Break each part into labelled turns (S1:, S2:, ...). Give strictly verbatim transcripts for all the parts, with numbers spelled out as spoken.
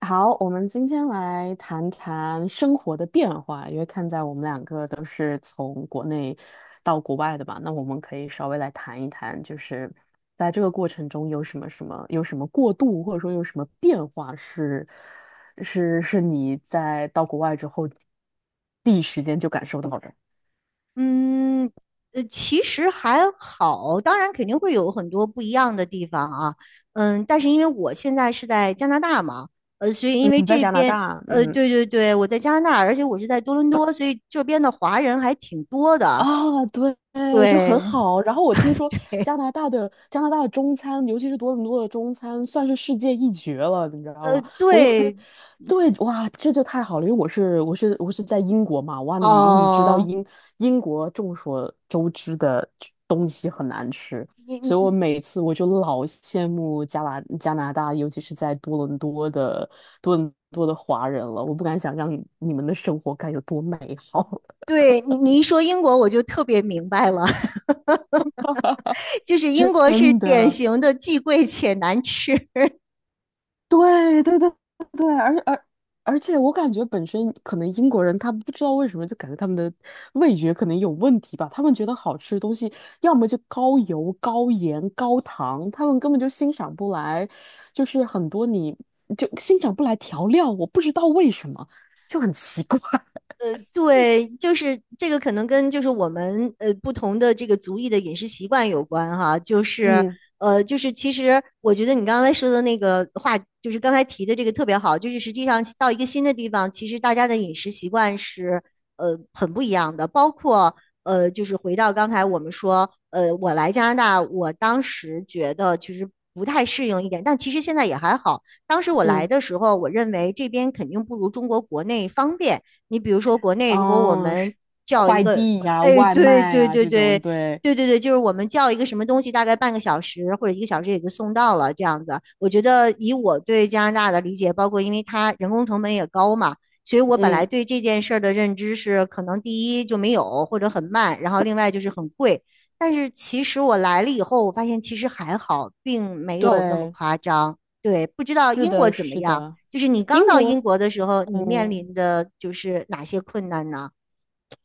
S1: 好，我们今天来谈谈生活的变化，因为看在我们两个都是从国内到国外的吧，那我们可以稍微来谈一谈，就是在这个过程中有什么什么有什么过渡，或者说有什么变化是是是你在到国外之后第一时间就感受到的。
S2: 嗯，呃，其实还好，当然肯定会有很多不一样的地方啊，嗯，但是因为我现在是在加拿大嘛，呃，所以因为
S1: 嗯，在
S2: 这
S1: 加拿
S2: 边，
S1: 大，
S2: 呃，
S1: 嗯。
S2: 对对对，我在加拿大，而且我是在多伦多，所以这边的华人还挺多的，
S1: 啊，对，就很
S2: 对，
S1: 好。然后我听说加拿大的加拿大的中餐，尤其是多伦多的中餐，算是世界一绝了，你知道
S2: 呃，
S1: 吗？我有跟，
S2: 对，
S1: 对，哇，这就太好了，因为我是我是我是在英国嘛，哇，你你知道
S2: 哦，
S1: 英英国众所周知的东西很难吃，
S2: 你
S1: 所以我
S2: 你
S1: 每次我就老羡慕加拿加拿大，尤其是在多伦多的多伦多的华人了，我不敢想象你们的生活该有多美好，
S2: 对你你一说英国，我就特别明白了，就是英 国是
S1: 真
S2: 典
S1: 的。
S2: 型的既贵且难吃，
S1: 对对对对，而而而且我感觉本身可能英国人他不知道为什么就感觉他们的味觉可能有问题吧，他们觉得好吃的东西要么就高油、高盐、高糖，他们根本就欣赏不来，就是很多你就欣赏不来调料，我不知道为什么，就很奇怪。
S2: 对，就是这个可能跟就是我们呃不同的这个族裔的饮食习惯有关哈，就是
S1: 嗯
S2: 呃就是其实我觉得你刚才说的那个话，就是刚才提的这个特别好，就是实际上到一个新的地方，其实大家的饮食习惯是呃很不一样的，包括呃就是回到刚才我们说，呃我来加拿大，我当时觉得其实不太适应一点，但其实现在也还好。当时我来
S1: 嗯
S2: 的时候，我认为这边肯定不如中国国内方便，你比如说国内，如果我
S1: 啊，是
S2: 们叫一
S1: 快
S2: 个，
S1: 递呀、
S2: 哎，
S1: 外
S2: 对
S1: 卖
S2: 对
S1: 呀、
S2: 对
S1: 这种，
S2: 对。
S1: 对，
S2: 对对对，就是我们叫一个什么东西，大概半个小时或者一个小时也就送到了这样子。我觉得以我对加拿大的理解，包括因为它人工成本也高嘛，所以我本来
S1: 嗯
S2: 对这件事儿的认知是，可能第一就没有或者很慢，然后另外就是很贵。但是其实我来了以后，我发现其实还好，并没有那么
S1: 对，
S2: 夸张。对，不知道
S1: 是
S2: 英国
S1: 的，
S2: 怎么
S1: 是
S2: 样？
S1: 的，
S2: 就是你刚
S1: 英
S2: 到英
S1: 国。
S2: 国的时候，你面
S1: 嗯，
S2: 临的就是哪些困难呢？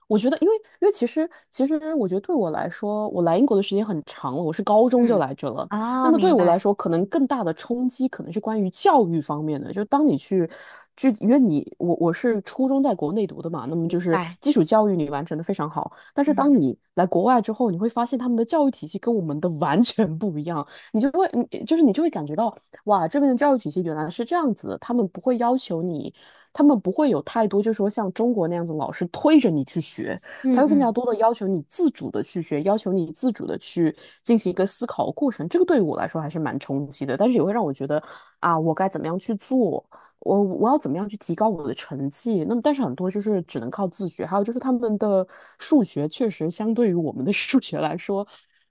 S1: 我觉得，因为因为其实其实，我觉得对我来说，我来英国的时间很长了，我是高中就
S2: 嗯，
S1: 来这了。那
S2: 哦，
S1: 么对
S2: 明
S1: 我来
S2: 白，
S1: 说，可能更大的冲击可能是关于教育方面的。就当你去，就因为你我我是初中在国内读的嘛，那么就
S2: 明
S1: 是
S2: 白，
S1: 基础教育你完成的非常好。但是当
S2: 嗯
S1: 你来国外之后，你会发现他们的教育体系跟我们的完全不一样，你就会你就是你就会感觉到，哇，这边的教育体系原来是这样子的，他们不会要求你。他们不会有太多，就是说像中国那样子，老师推着你去学，他
S2: 嗯
S1: 会更加
S2: 嗯
S1: 多的要求你自主的去学，要求你自主的去进行一个思考的过程。这个对于我来说还是蛮冲击的，但是也会让我觉得啊，我该怎么样去做，我我要怎么样去提高我的成绩。那么，但是很多就是只能靠自学，还有就是他们的数学确实相对于我们的数学来说，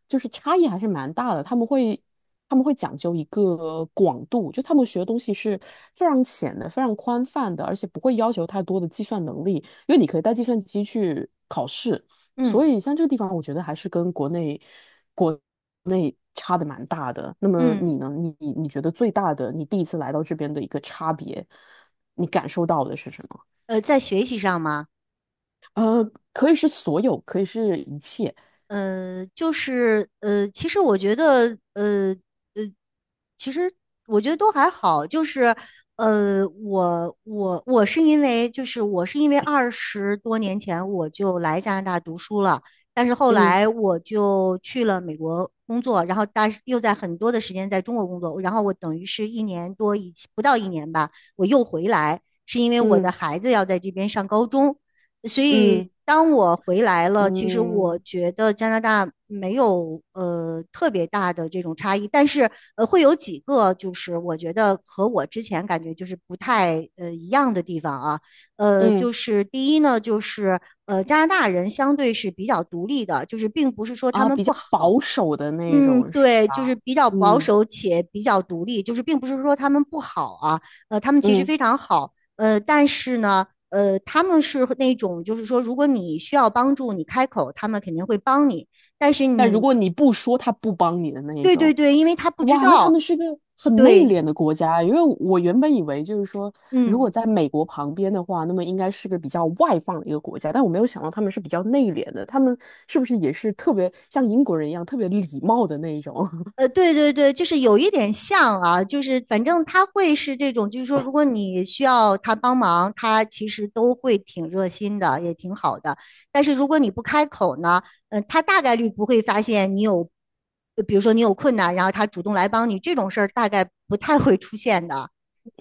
S1: 就是差异还是蛮大的。他们会。他们会讲究一个广度，就他们学的东西是非常浅的、非常宽泛的，而且不会要求太多的计算能力，因为你可以带计算机去考试。所
S2: 嗯
S1: 以像这个地方，我觉得还是跟国内国内差的蛮大的。那么你
S2: 嗯，
S1: 呢？你你你觉得最大的，你第一次来到这边的一个差别，你感受到的是什么？
S2: 呃，在学习上吗？
S1: 呃，可以是所有，可以是一切。
S2: 呃，就是呃，其实我觉得，呃呃，其实我觉得都还好，就是呃，我我我是因为就是我是因为二十多年前我就来加拿大读书了，但是后
S1: 嗯
S2: 来我就去了美国工作，然后但是又在很多的时间在中国工作，然后我等于是一年多以不到一年吧，我又回来，是因为我
S1: 嗯
S2: 的孩子要在这边上高中，所以
S1: 嗯
S2: 当我回来了，其实我
S1: 嗯
S2: 觉得加拿大没有呃特别大的这种差异，但是呃会有几个就是我觉得和我之前感觉就是不太呃一样的地方啊，呃
S1: 嗯。
S2: 就是第一呢就是呃加拿大人相对是比较独立的，就是并不是说他
S1: 啊，
S2: 们
S1: 比
S2: 不
S1: 较
S2: 好，
S1: 保守的那
S2: 嗯，
S1: 种是
S2: 对，
S1: 吧？
S2: 就是比较保
S1: 嗯
S2: 守且比较独立，就是并不是说他们不好啊，呃，他们其实
S1: 嗯，
S2: 非常好，呃，但是呢，呃，他们是那种就是说，如果你需要帮助，你开口，他们肯定会帮你，但是
S1: 但如
S2: 你，
S1: 果你不说，他不帮你的那一
S2: 对对
S1: 种，
S2: 对，因为他不知
S1: 哇，那他
S2: 道，
S1: 们是个很内
S2: 对，
S1: 敛的国家。因为我原本以为就是说，如果
S2: 嗯。
S1: 在美国旁边的话，那么应该是个比较外放的一个国家，但我没有想到他们是比较内敛的。他们是不是也是特别像英国人一样特别礼貌的那一种？
S2: 呃，对对对，就是有一点像啊，就是反正他会是这种，就是说，如果你需要他帮忙，他其实都会挺热心的，也挺好的。但是如果你不开口呢，呃，他大概率不会发现你有，呃比如说你有困难，然后他主动来帮你，这种事儿大概不太会出现的。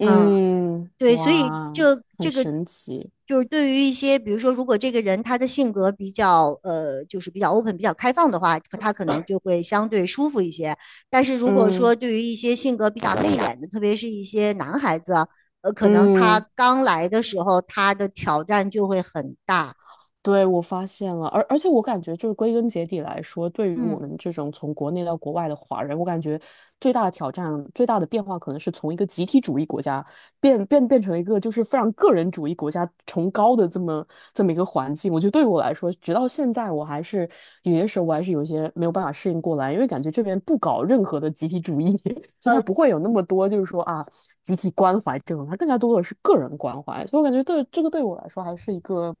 S2: 嗯。对，所以
S1: 哇，
S2: 这
S1: 很
S2: 这个
S1: 神奇。
S2: 就是对于一些，比如说，如果这个人他的性格比较呃，就是比较 open、比较开放的话，可他可能就会相对舒服一些。但是如果
S1: 嗯
S2: 说对于一些性格比较内敛的，特别是一些男孩子，呃，可能他
S1: 嗯。
S2: 刚来的时候，他的挑战就会很大。
S1: 对，我发现了，而而且我感觉就是归根结底来说，对于我
S2: 嗯。
S1: 们这种从国内到国外的华人，我感觉最大的挑战、最大的变化，可能是从一个集体主义国家变变变成一个就是非常个人主义国家崇高的这么这么一个环境。我觉得对于我来说，直到现在，我还是有些时候我还是有些没有办法适应过来，因为感觉这边不搞任何的集体主义，所以他
S2: 呃。
S1: 不会有那么多就是说啊集体关怀这种，他更加多的是个人关怀。所以我感觉对这个对我来说还是一个。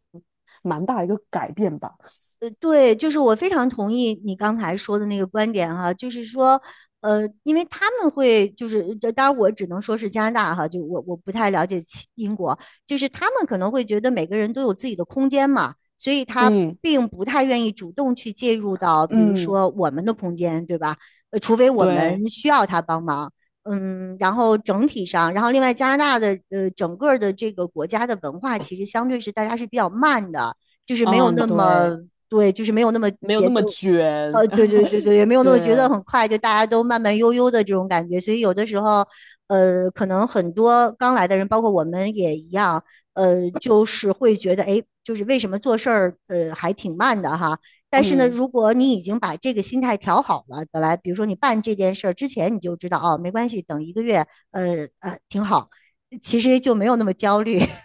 S1: 蛮大一个改变吧。
S2: 呃，对，就是我非常同意你刚才说的那个观点哈，就是说，呃，因为他们会就是，呃当然我只能说是加拿大哈，就我我不太了解其英国，就是他们可能会觉得每个人都有自己的空间嘛，所以他
S1: 嗯
S2: 并不太愿意主动去介入到，比如
S1: 嗯，
S2: 说我们的空间，对吧？呃，除非我
S1: 对，
S2: 们需要他帮忙，嗯，然后整体上，然后另外加拿大的呃整个的这个国家的文化其实相对是大家是比较慢的。就是没有
S1: 嗯
S2: 那
S1: 对，
S2: 么对，就是没有那么
S1: 没有
S2: 节
S1: 那
S2: 奏，
S1: 么卷，
S2: 呃，对对对 对，也没有那么节奏
S1: 对，
S2: 很快，就大家都慢慢悠悠的这种感觉。所以有的时候，呃，可能很多刚来的人，包括我们也一样，呃，就是会觉得，哎，就是为什么做事儿，呃，还挺慢的哈。但是呢，
S1: 嗯。
S2: 如果你已经把这个心态调好了，本来比如说你办这件事儿之前，你就知道哦，没关系，等一个月，呃呃，挺好，其实就没有那么焦虑。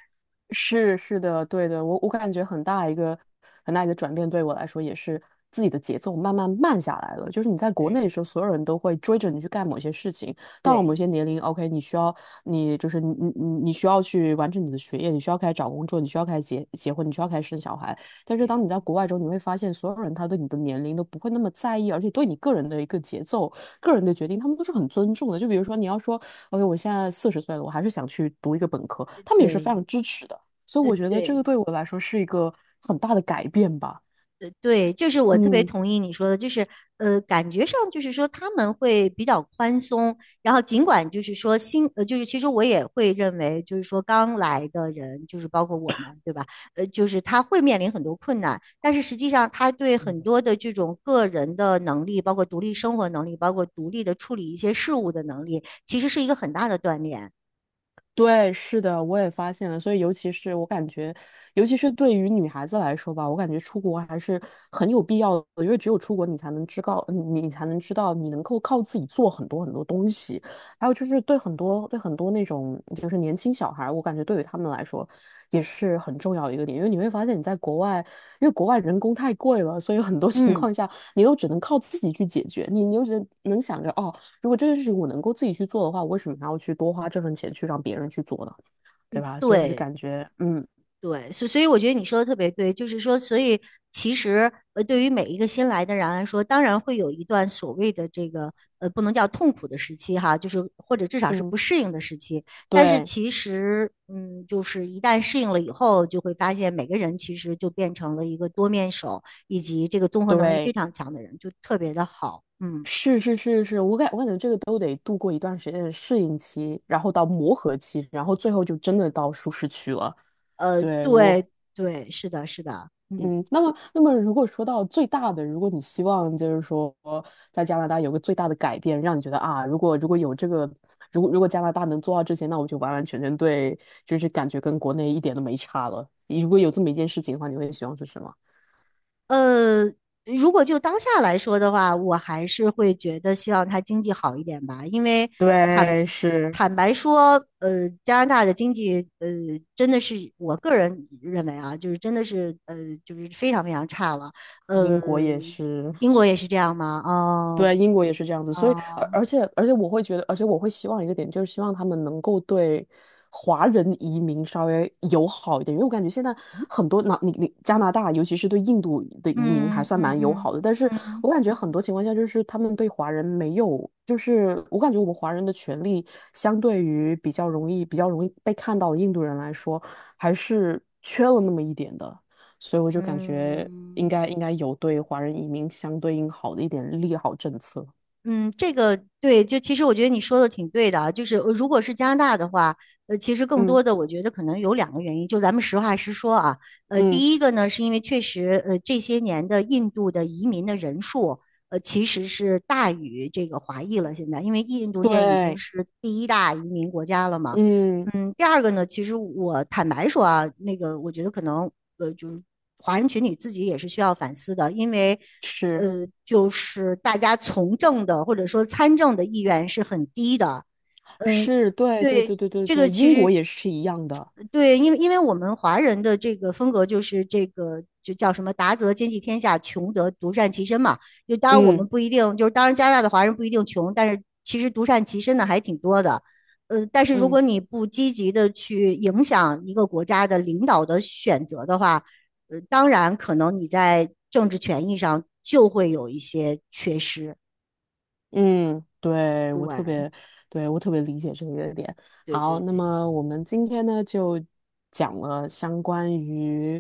S1: 是是的，对的，我我感觉很大一个很大一个转变，对我来说也是自己的节奏慢慢慢下来了。就是你在国内的
S2: 对
S1: 时候，所有人都会追着你去干某些事情，到了某
S2: 对
S1: 些年龄，OK，你需要你就是你你你你需要去完成你的学业，你需要开始找工作，你需要开始结结婚，你需要开始生小孩。但是当
S2: 对
S1: 你在国外之后，你会发现所有人他对你的年龄都不会那么在意，而且对你个人的一个节奏、个人的决定，他们都是很尊重的。就比如说你要说，OK，我现在四十岁了，我还是想去读一个本科，他们也是非
S2: 对，
S1: 常支持的。所以
S2: 呃
S1: 我觉得这个
S2: 对。
S1: 对我来说是一个很大的改变吧。
S2: 对，就是我特别
S1: 嗯，
S2: 同意你说的，就是呃，感觉上就是说他们会比较宽松，然后尽管就是说新呃，就是其实我也会认为，就是说刚来的人，就是包括我们，对吧？呃，就是他会面临很多困难，但是实际上他对很多的这种个人的能力，包括独立生活能力，包括独立的处理一些事物的能力，其实是一个很大的锻炼。
S1: 对，是的，我也发现了。所以，尤其是我感觉，尤其是对于女孩子来说吧，我感觉出国还是很有必要的，因为只有出国，你才能知道，你你才能知道，你能够靠自己做很多很多东西。还有就是对很多对很多那种就是年轻小孩儿我感觉对于他们来说也是很重要的一个点，因为你会发现你在国外，因为国外人工太贵了，所以很多 情
S2: 嗯，
S1: 况下你都只能靠自己去解决，你你又只能想着哦。如果这件事情我能够自己去做的话，我为什么还要去多花这份钱去让别人去做呢？对吧？所以我就
S2: 对。
S1: 感觉，嗯
S2: 对，所所以我觉得你说的特别对，就是说，所以其实呃，对于每一个新来的人来说，当然会有一段所谓的这个呃，不能叫痛苦的时期哈，就是或者至少是
S1: 嗯，
S2: 不适应的时期。但是
S1: 对
S2: 其实，嗯，就是一旦适应了以后，就会发现每个人其实就变成了一个多面手，以及这个综合能力非
S1: 对，
S2: 常强的人，就特别的好。嗯，
S1: 是是是是，我感我感觉这个都得度过一段时间的适应期，然后到磨合期，然后最后就真的到舒适区了。
S2: 呃，
S1: 对，我
S2: 对对，是的，是的，嗯。
S1: 嗯，那么，那么如果说到最大的，如果你希望就是说在加拿大有个最大的改变，让你觉得啊，如果如果有这个，如果如果加拿大能做到这些，那我就完完全全对，就是感觉跟国内一点都没差了。如果有这么一件事情的话，你会希望是什么？
S2: 呃，如果就当下来说的话，我还是会觉得希望它经济好一点吧，因为坦
S1: 对，是。
S2: 坦白说，呃，加拿大的经济，呃，真的是我个人认为啊，就是真的是，呃，就是非常非常差了。呃，
S1: 英国也是。
S2: 英国也是这样吗？哦，
S1: 对，英国也是这样子，所以而
S2: 啊，
S1: 而且而且我会觉得，而且我会希望一个点，就是希望他们能够对华人移民稍微友好一点，因为我感觉现在很多那、你你加拿
S2: 嗯
S1: 大，尤其是对印度的移民还
S2: 嗯
S1: 算
S2: 嗯
S1: 蛮友
S2: 嗯
S1: 好的，但
S2: 嗯
S1: 是
S2: 嗯。
S1: 我感觉很多情况下就是他们对华人没有，就是我感觉我们华人的权利相对于比较容易比较容易被看到的印度人来说，还是缺了那么一点的。所以我就感觉应
S2: 嗯
S1: 该应该有对华人移民相对应好的一点利好政策。
S2: 嗯，这个对，就其实我觉得你说的挺对的啊，就是呃如果是加拿大的话，呃，其实更
S1: 嗯
S2: 多的我觉得可能有两个原因，就咱们实话实说啊，呃，
S1: 嗯，
S2: 第一个呢是因为确实，呃，这些年的印度的移民的人数，呃，其实是大于这个华裔了，现在，因为印度现在已经
S1: 对，
S2: 是第一大移民国家了嘛，
S1: 嗯，
S2: 嗯，第二个呢，其实我坦白说啊，那个我觉得可能，呃，就是华人群体自己也是需要反思的，因为
S1: 是
S2: 呃，就是大家从政的或者说参政的意愿是很低的。嗯，
S1: 是，对对
S2: 对，
S1: 对对对
S2: 这个
S1: 对，
S2: 其
S1: 英国
S2: 实
S1: 也是一样的。
S2: 对，因为因为我们华人的这个风格就是这个就叫什么达则兼济天下，穷则独善其身嘛。就当然我
S1: 嗯
S2: 们不一定，就是当然加拿大的华人不一定穷，但是其实独善其身的还挺多的。呃，但是如
S1: 嗯
S2: 果你不积极的去影响一个国家的领导的选择的话，呃，当然可能你在政治权益上就会有一些缺失。
S1: 嗯，对，我特
S2: 对，
S1: 别，对，我特别理解这个点。
S2: 对
S1: 好，
S2: 对
S1: 那
S2: 对，
S1: 么我们今天呢就讲了相关于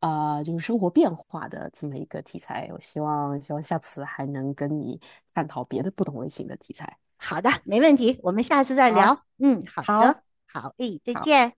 S1: 啊、呃就是生活变化的这么一个题材。我希望希望下次还能跟你探讨别的不同类型的题材。
S2: 好的，没问题，我们下次再
S1: 好，
S2: 聊。嗯，好的，
S1: 好，
S2: 好，诶，再
S1: 好。
S2: 见。